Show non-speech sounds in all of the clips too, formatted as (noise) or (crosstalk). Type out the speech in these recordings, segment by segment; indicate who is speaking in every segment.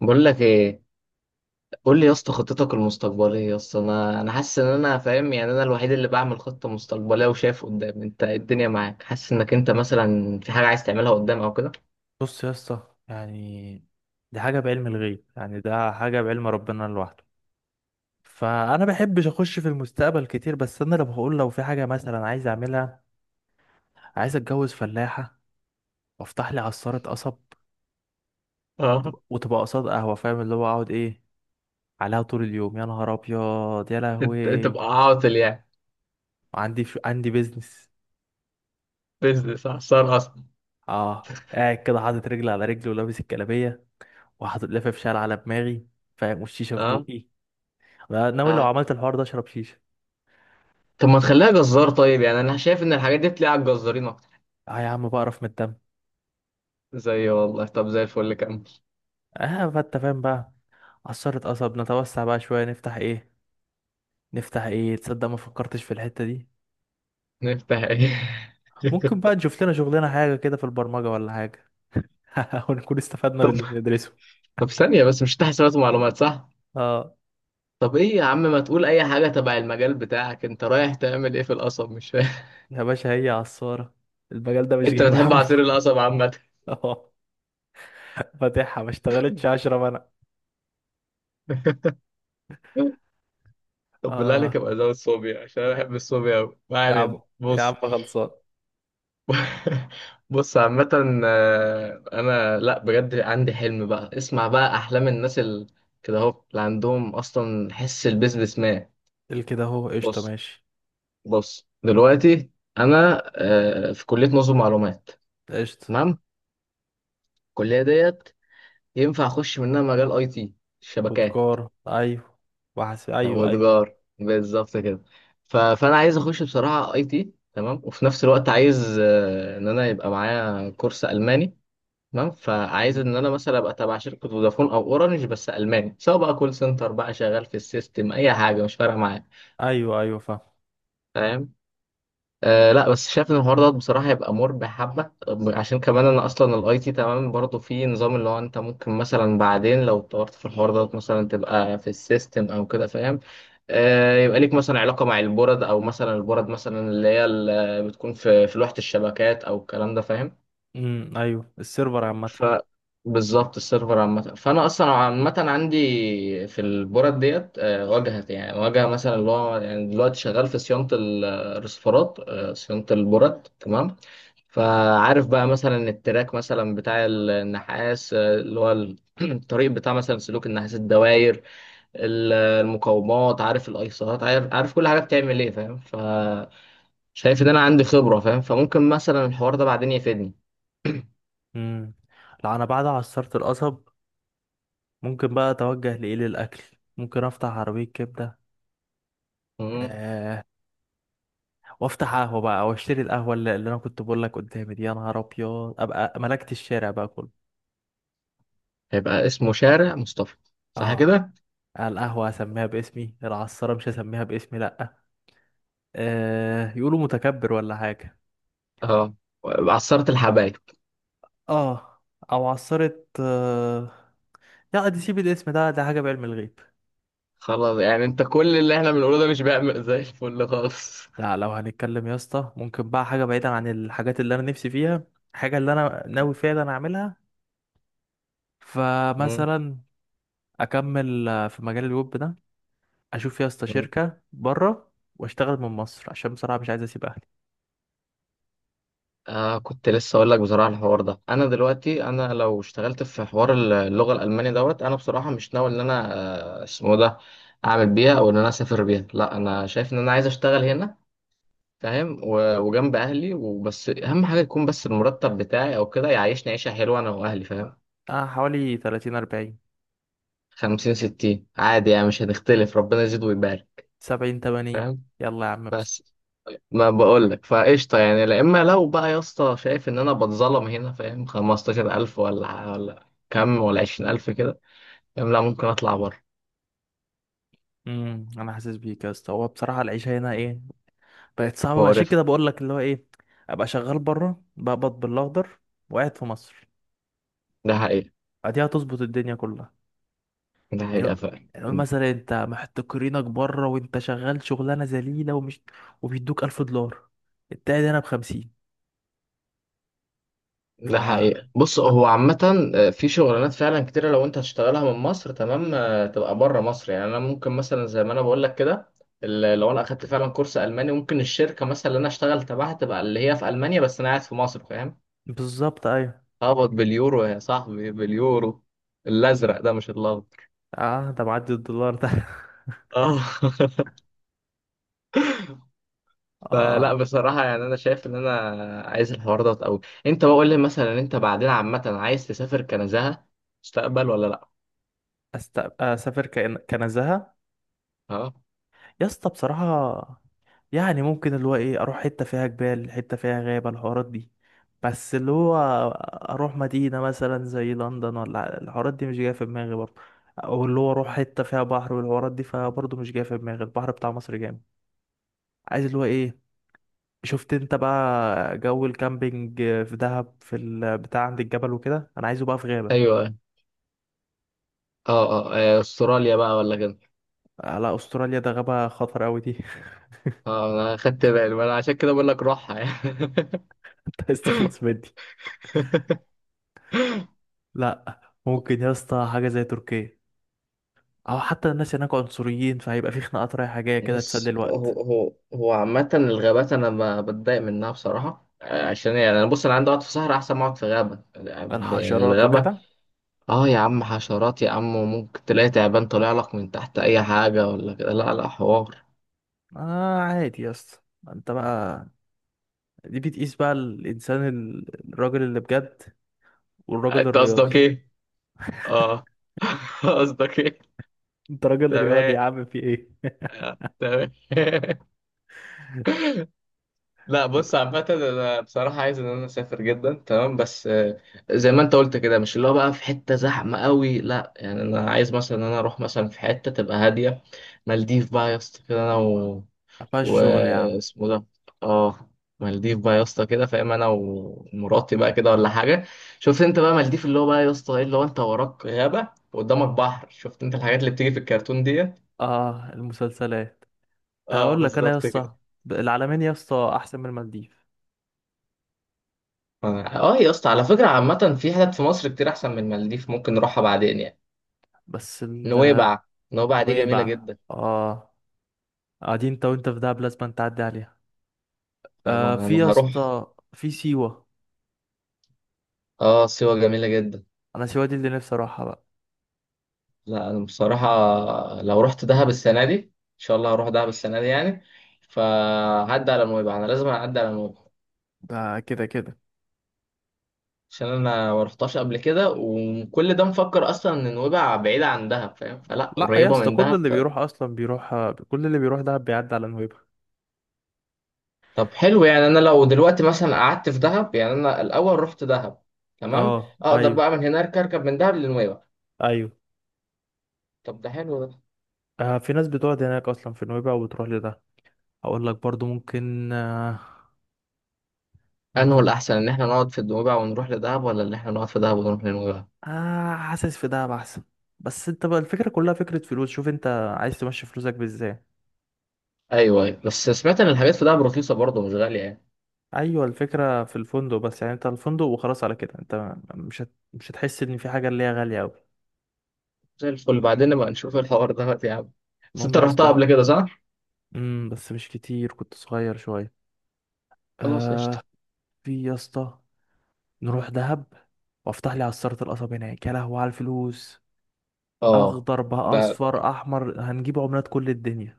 Speaker 1: بقول لك ايه؟ قول لي يا اسطى خطتك المستقبليه يا اسطى، انا حاسس ان انا فاهم، يعني انا الوحيد اللي بعمل خطه مستقبليه وشايف قدام. انت إيه؟ الدنيا معاك، حاسس انك انت مثلا في حاجه عايز تعملها قدام او كده.
Speaker 2: بص يا اسطى، يعني دي حاجة بعلم الغيب. يعني ده حاجة بعلم ربنا لوحده. فأنا بحبش أخش في المستقبل كتير، بس أنا لو بقول، لو في حاجة مثلا عايز أعملها، عايز أتجوز فلاحة وأفتح لي عصارة قصب
Speaker 1: اه.
Speaker 2: وتبقى قصاد قهوة، فاهم؟ اللي هو أقعد إيه عليها طول اليوم. يا نهار أبيض يا لهوي!
Speaker 1: تبقى عاطل يعني؟
Speaker 2: عندي بيزنس.
Speaker 1: بيزنس خسارة اصلا.
Speaker 2: آه، قاعد كده حاطط رجل على رجل، ولابس الجلابية، وحاطط لفة شال على دماغي، فاهم؟ والشيشة في
Speaker 1: اه.
Speaker 2: بقي. أنا ناوي لو
Speaker 1: اه.
Speaker 2: عملت الحوار ده أشرب شيشة.
Speaker 1: طب ما تخليها جزار طيب، يعني انا شايف ان الحاجات دي بتلاقي على الجزارين اكتر.
Speaker 2: اه يا عم، بقرف من الدم.
Speaker 1: زي والله، طب زي الفل كمل.
Speaker 2: اه، فانت فاهم بقى؟ عصارة قصب، نتوسع بقى شوية، نفتح ايه؟ نفتح ايه؟ تصدق ما فكرتش في الحتة دي.
Speaker 1: نفتح ايه؟ (laughs)
Speaker 2: ممكن بقى نشوف لنا شغلنا حاجة كده في البرمجة ولا حاجة. (laughs) ونكون استفدنا
Speaker 1: طب
Speaker 2: باللي بندرسه.
Speaker 1: طب ثانيه بس، مش تحت حسابات ومعلومات صح؟
Speaker 2: اه
Speaker 1: طب ايه يا عم، ما تقول اي حاجة تبع المجال بتاعك، انت رايح تعمل ايه في القصب؟ مش فاهم.
Speaker 2: يا باشا، هي عصارة، المجال ده
Speaker 1: (laughs)
Speaker 2: مش
Speaker 1: انت
Speaker 2: جايب
Speaker 1: بتحب
Speaker 2: همه.
Speaker 1: عصير القصب عامة؟
Speaker 2: (laughs) اه، فاتحها ما اشتغلتش عشرة منع.
Speaker 1: (laughs) طب بالله
Speaker 2: اه
Speaker 1: عليك ابقى زود صوبيا عشان انا بحب الصوبيا قوي. ما
Speaker 2: يا عم،
Speaker 1: علينا،
Speaker 2: يا عم
Speaker 1: بص.
Speaker 2: خلصان.
Speaker 1: (laughs) بص عامة، انا لا بجد عندي حلم بقى، اسمع بقى احلام الناس كده اهو اللي عندهم اصلا حس البيزنس مان.
Speaker 2: الكده اهو قشطة
Speaker 1: بص.
Speaker 2: ماشي.
Speaker 1: بص دلوقتي، انا في كلية نظم معلومات.
Speaker 2: قشطة.
Speaker 1: تمام. الكلية ديت ينفع اخش منها مجال اي تي،
Speaker 2: خد
Speaker 1: الشبكات.
Speaker 2: كار، ايوه. وحس، ايوه ايوه.
Speaker 1: والبجار بالظبط كده. ف... فانا عايز اخش بصراحه اي تي تمام، وفي نفس الوقت عايز ان انا يبقى معايا كورس الماني. تمام. فعايز
Speaker 2: مم.
Speaker 1: ان انا مثلا ابقى تبع شركه فودافون او اورنج بس الماني، سواء بقى كول سنتر بقى، شغال في السيستم، اي حاجه مش فارقه معايا.
Speaker 2: ايوه ايوه، فاهم.
Speaker 1: فاهم. لا، بس شايف ان الحوار ده بصراحه هيبقى مربح حبه. عشان كمان انا اصلا الاي تي تمام برضه في نظام اللي هو، انت ممكن مثلا بعدين لو اتطورت في الحوار ده مثلا تبقى في السيستم او كده، فاهم. يبقى ليك مثلا علاقه مع البورد، او مثلا البورد مثلا اللي هي اللي بتكون في لوحه الشبكات او الكلام ده، فاهم.
Speaker 2: امم، ايوه السيرفر عامه.
Speaker 1: ف بالظبط، السيرفر عامة. فأنا أصلا عامة عندي في البورد ديت واجهة، يعني واجهة مثلا اللي هو، يعني دلوقتي شغال في صيانة الرسيفرات، صيانة البورد، تمام. فعارف بقى مثلا التراك مثلا بتاع النحاس، اللي هو (clears throat) الطريق بتاع مثلا سلوك النحاس، الدواير، المقاومات، عارف الايسرات، عارف، عارف كل حاجة بتعمل ايه، فاهم. فشايف ان انا عندي خبرة، فاهم، فممكن مثلا الحوار ده بعدين يفيدني.
Speaker 2: امم. لا، انا بعد عصرت القصب ممكن بقى اتوجه لايه، للاكل. ممكن افتح عربيه كبده، آه، وافتح قهوه بقى، واشتري القهوه اللي انا كنت بقول لك قدامي دي. يا نهار ابيض، ابقى ملكت الشارع بقى كله.
Speaker 1: هيبقى اسمه شارع مصطفى، صح
Speaker 2: اه،
Speaker 1: كده؟
Speaker 2: القهوه هسميها باسمي. العصاره مش هسميها باسمي، لا. آه، يقولوا متكبر ولا حاجه.
Speaker 1: اه، عصارة الحبايب.
Speaker 2: اه. او عصاره آه... لا، دي سيب الاسم ده، ده حاجه بعلم الغيب.
Speaker 1: خلاص، يعني انت كل اللي احنا بنقوله ده مش بيعمل زي الفل خالص؟
Speaker 2: لا، لو هنتكلم يا اسطى، ممكن بقى حاجة بعيدا عن الحاجات اللي انا نفسي فيها، حاجة اللي انا ناوي فعلا اعملها.
Speaker 1: مم.
Speaker 2: فمثلا اكمل، في مجال الويب ده اشوف يا اسطى
Speaker 1: مم.
Speaker 2: شركة بره، واشتغل من مصر، عشان بصراحة مش عايز اسيب اهلي.
Speaker 1: كنت لسه اقول لك بصراحه، الحوار ده انا دلوقتي، انا لو اشتغلت في حوار اللغه الالمانيه دوت، انا بصراحه مش ناوي ان انا اسمه ده، اعمل بيها او ان انا اسافر بيها، لا انا شايف ان انا عايز اشتغل هنا، فاهم، وجنب اهلي، وبس اهم حاجه يكون بس المرتب بتاعي او كده يعيشني عيشه حلوه انا واهلي، فاهم.
Speaker 2: اه، حوالي 30 40.
Speaker 1: 50 60 عادي يعني، مش هنختلف، ربنا يزيد ويبارك.
Speaker 2: 70 80.
Speaker 1: فاهم.
Speaker 2: يلا يا عم بس.
Speaker 1: بس ما بقولك، فقشطة يعني. لا، إما لو بقى يا اسطى شايف إن أنا بتظلم هنا، فاهم، 15 ألف ولا كم، ولا 20 ألف كده، فاهم، لا ممكن أطلع بره.
Speaker 2: امم، انا حاسس بيك يا اسطى. هو بصراحة العيشة هنا ايه؟ بقت صعبة. عشان
Speaker 1: مقرف.
Speaker 2: كده بقول لك اللي هو ايه، ابقى شغال بره بقبض بالاخضر، وقاعد في مصر.
Speaker 1: ده حقيقة.
Speaker 2: ادي هتظبط الدنيا كلها.
Speaker 1: ده
Speaker 2: يعني
Speaker 1: حقيقة
Speaker 2: قول،
Speaker 1: فعلا.
Speaker 2: يعني قول مثلا انت محتكرينك بره وانت شغال شغلانه ذليله، ومش، وبيدوك 1000 دولار. التاني هنا بخمسين. ف
Speaker 1: ده حقيقة. بص،
Speaker 2: لا،
Speaker 1: هو عامة في شغلانات فعلا كتيرة لو انت هتشتغلها من مصر، تمام، تبقى بره مصر. يعني انا ممكن مثلا زي ما انا بقول لك كده، لو انا اخدت فعلا كورس الماني، ممكن الشركة مثلا اللي انا اشتغل تبعها تبقى اللي هي في المانيا بس انا قاعد في مصر، فاهم.
Speaker 2: بالظبط، ايوه.
Speaker 1: اقبض باليورو يا صاحبي، باليورو، الازرق ده مش الابيض.
Speaker 2: اه، ده معدي الدولار ده. (laughs)
Speaker 1: اه. (laughs) فلا
Speaker 2: اه.
Speaker 1: بصراحة، يعني انا شايف ان انا عايز الحوار ده قوي. انت بقول لي مثلا انت بعدين عامة عايز تسافر كنزهة مستقبل ولا لا؟
Speaker 2: اسافر كنزهه
Speaker 1: اه.
Speaker 2: يا اسطى؟ بصراحه، يعني ممكن اللي هو ايه، اروح حتة فيها جبال، حتة فيها غابة، الحوارات دي، بس اللي هو اروح مدينة مثلا زي لندن، ولا الحوارات دي مش جاية في دماغي برضه. او اللي هو اروح حتة فيها بحر والحوارات دي، فبرضه مش جاية في دماغي. البحر بتاع مصر جامد. عايز اللي هو ايه، شفت انت بقى جو الكامبينج في دهب، في البتاع عند الجبل وكده، انا عايزه بقى في غابة.
Speaker 1: ايوه. اه. اه. استراليا بقى ولا كده.
Speaker 2: لا، استراليا ده غابة خطر قوي دي. (laughs)
Speaker 1: اه، انا خدت بالي، ما انا عشان كده بقول لك روحها يعني.
Speaker 2: انت عايز تخلص من دي؟
Speaker 1: (laughs)
Speaker 2: لا. ممكن يا اسطى حاجة زي تركيا، او حتى الناس هناك عنصريين، فهيبقى في خناقات رايحة جاية كده تسلي
Speaker 1: بص، هو
Speaker 2: الوقت.
Speaker 1: هو هو عامة الغابات أنا بتضايق منها بصراحة. عشان إيه؟ يعني أنا، بص أنا عندي أقعد في صحراء أحسن ما أقعد في غابة، يعني
Speaker 2: الحشرات
Speaker 1: الغابة.
Speaker 2: وكده.
Speaker 1: أه يا عم حشرات يا عم، وممكن تلاقي تعبان طالع لك من تحت، أي حاجة ولا كده، لا لا حوار.
Speaker 2: آه، عادي يا اسطى. انت بقى، دي بتقيس بقى الانسان، الراجل اللي بجد، والراجل
Speaker 1: أنت
Speaker 2: الرياضي.
Speaker 1: قصدك إيه؟ أه. (laughs) قصدك إيه؟
Speaker 2: انت راجل رياضي
Speaker 1: تمام.
Speaker 2: يا عم، في ايه؟
Speaker 1: تمام. (laughs) لا بص عامة، أنا بصراحة عايز إن أنا أسافر جدا، تمام، بس زي ما أنت قلت كده، مش اللي هو بقى في حتة زحمة قوي، لا، يعني أنا عايز مثلا إن أنا أروح مثلا في حتة تبقى هادية. مالديف بقى يا اسطى كده، أنا
Speaker 2: (laughs) فيها
Speaker 1: و...
Speaker 2: الشغل يا عم.
Speaker 1: اسمه ده آه مالديف بقى يا اسطى كده، فاهم، أنا ومراتي بقى كده ولا حاجة. شفت أنت بقى مالديف، اللي هو بقى يا اسطى إيه، اللي هو أنت وراك غابة وقدامك بحر. شفت أنت الحاجات اللي بتيجي في الكرتون ديت؟
Speaker 2: اه، المسلسلات. اقول لك انا يا
Speaker 1: بالظبط كده.
Speaker 2: اسطى، العلمين يا اسطى احسن من المالديف.
Speaker 1: اه يا اسطى، على فكرة عامة في حتت في مصر كتير أحسن من المالديف، ممكن نروحها بعدين يعني.
Speaker 2: بس ال-
Speaker 1: نويبع. نويبع دي جميلة
Speaker 2: نويبع.
Speaker 1: جدا.
Speaker 2: اه، قاعدين انت، وانت في دهب لازم تعدي عليها. آه
Speaker 1: يابا
Speaker 2: في
Speaker 1: أنا
Speaker 2: يا
Speaker 1: هروح.
Speaker 2: اسطى، في سيوة.
Speaker 1: اه، سيوة جميلة جدا.
Speaker 2: انا سيوة دي اللي نفسي اروحها بقى.
Speaker 1: لا أنا بصراحة لو رحت دهب السنة دي، إن شاء الله هروح دهب السنة دي يعني، فهعدي على نويبع، أنا لازم أعدي على نويبع
Speaker 2: ده كده كده.
Speaker 1: عشان أنا ما رحتهاش قبل كده، وكل ده مفكر أصلا إن نويبع بعيدة عن دهب، فاهم، فلا،
Speaker 2: لا يا
Speaker 1: قريبة
Speaker 2: اسطى،
Speaker 1: من
Speaker 2: كل
Speaker 1: دهب.
Speaker 2: اللي بيروح اصلا بيروح، كل اللي بيروح دهب بيعدي على نويبع.
Speaker 1: طب حلو، يعني انا لو دلوقتي مثلا قعدت في دهب، يعني انا الاول رحت دهب، تمام،
Speaker 2: اه،
Speaker 1: اقدر
Speaker 2: ايوه
Speaker 1: بقى من هناك اركب من دهب لنويبع.
Speaker 2: ايوه.
Speaker 1: طب ده حلو ده.
Speaker 2: آه في ناس بتقعد هناك اصلا في نويبع وبتروح لده. هقول لك برضو، ممكن آه،
Speaker 1: انه
Speaker 2: ممكن.
Speaker 1: الاحسن ان احنا نقعد في نويبع ونروح لدهب، ولا ان احنا نقعد في دهب ونروح لنويبع؟
Speaker 2: آه، حاسس في دهب احسن. بس انت بقى الفكره كلها فكره فلوس، شوف انت عايز تمشي فلوسك بازاي.
Speaker 1: ايوه، ايوه، بس سمعت ان الحاجات في دهب رخيصه برضه، مش غاليه يعني.
Speaker 2: ايوه، الفكره في الفندق بس. يعني انت الفندق وخلاص، على كده انت مش هتحس ان في حاجه اللي هي غاليه قوي.
Speaker 1: زي الفل، بعدين نبقى نشوف الحوار ده يا عم. بس انت
Speaker 2: المهم يا
Speaker 1: رحتها
Speaker 2: اسطى.
Speaker 1: قبل كده صح؟
Speaker 2: امم، بس مش كتير، كنت صغير شويه.
Speaker 1: خلاص قشطه.
Speaker 2: آه. في يا اسطى، نروح دهب، وافتح لي عصارة القصب هناك. يا لهوي على الفلوس!
Speaker 1: اه.
Speaker 2: اخضر بقى،
Speaker 1: ده
Speaker 2: اصفر، احمر، هنجيب عملات كل الدنيا.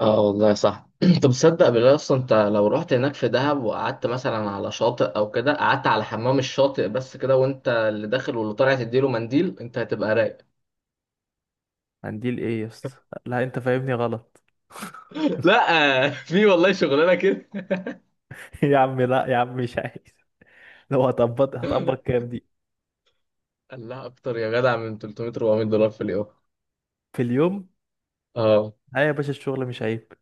Speaker 1: اه، والله صح. (clears throat) طب تصدق بالله، اصلا انت لو رحت هناك في دهب وقعدت مثلا على شاطئ او كده، قعدت على حمام الشاطئ بس كده، وانت اللي داخل واللي طالع تديله منديل، انت هتبقى رايق.
Speaker 2: هنديل ايه يا اسطى؟ لا، انت فاهمني غلط. (laughs)
Speaker 1: (laughs) لا، في والله شغلانه كده. (laughs)
Speaker 2: يا عم لا يا عم، مش عايز. لو هطبط هطبط كام دي؟
Speaker 1: الله اكتر يا جدع، من 300 $400 في اليوم.
Speaker 2: في اليوم؟
Speaker 1: اه.
Speaker 2: لا يا باشا، الشغل مش عيب.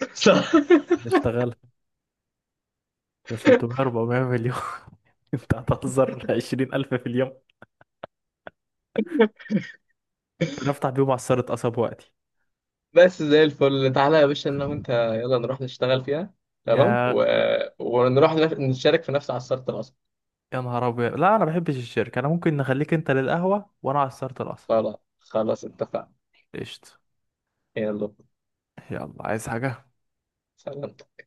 Speaker 1: (laughs) صح.
Speaker 2: نشتغل. ده 300 400 مليون. (laughs) انت هتهزر، 20,000 في اليوم، نفتح بيهم عصارة قصب وقتي.
Speaker 1: بس زي الفل، تعالى يا باشا انا وانت يلا نروح نشتغل فيها، تمام،
Speaker 2: يا
Speaker 1: ونروح نشارك في نفس عصارة القصب.
Speaker 2: يا نهار ابيض! لا، انا ما بحبش الشركة. انا ممكن نخليك انت للقهوة، وانا عصارة القصب.
Speaker 1: خلاص خلاص اتفقنا.
Speaker 2: قشطة.
Speaker 1: يلا.
Speaker 2: يلا. عايز حاجة؟
Speaker 1: سلام.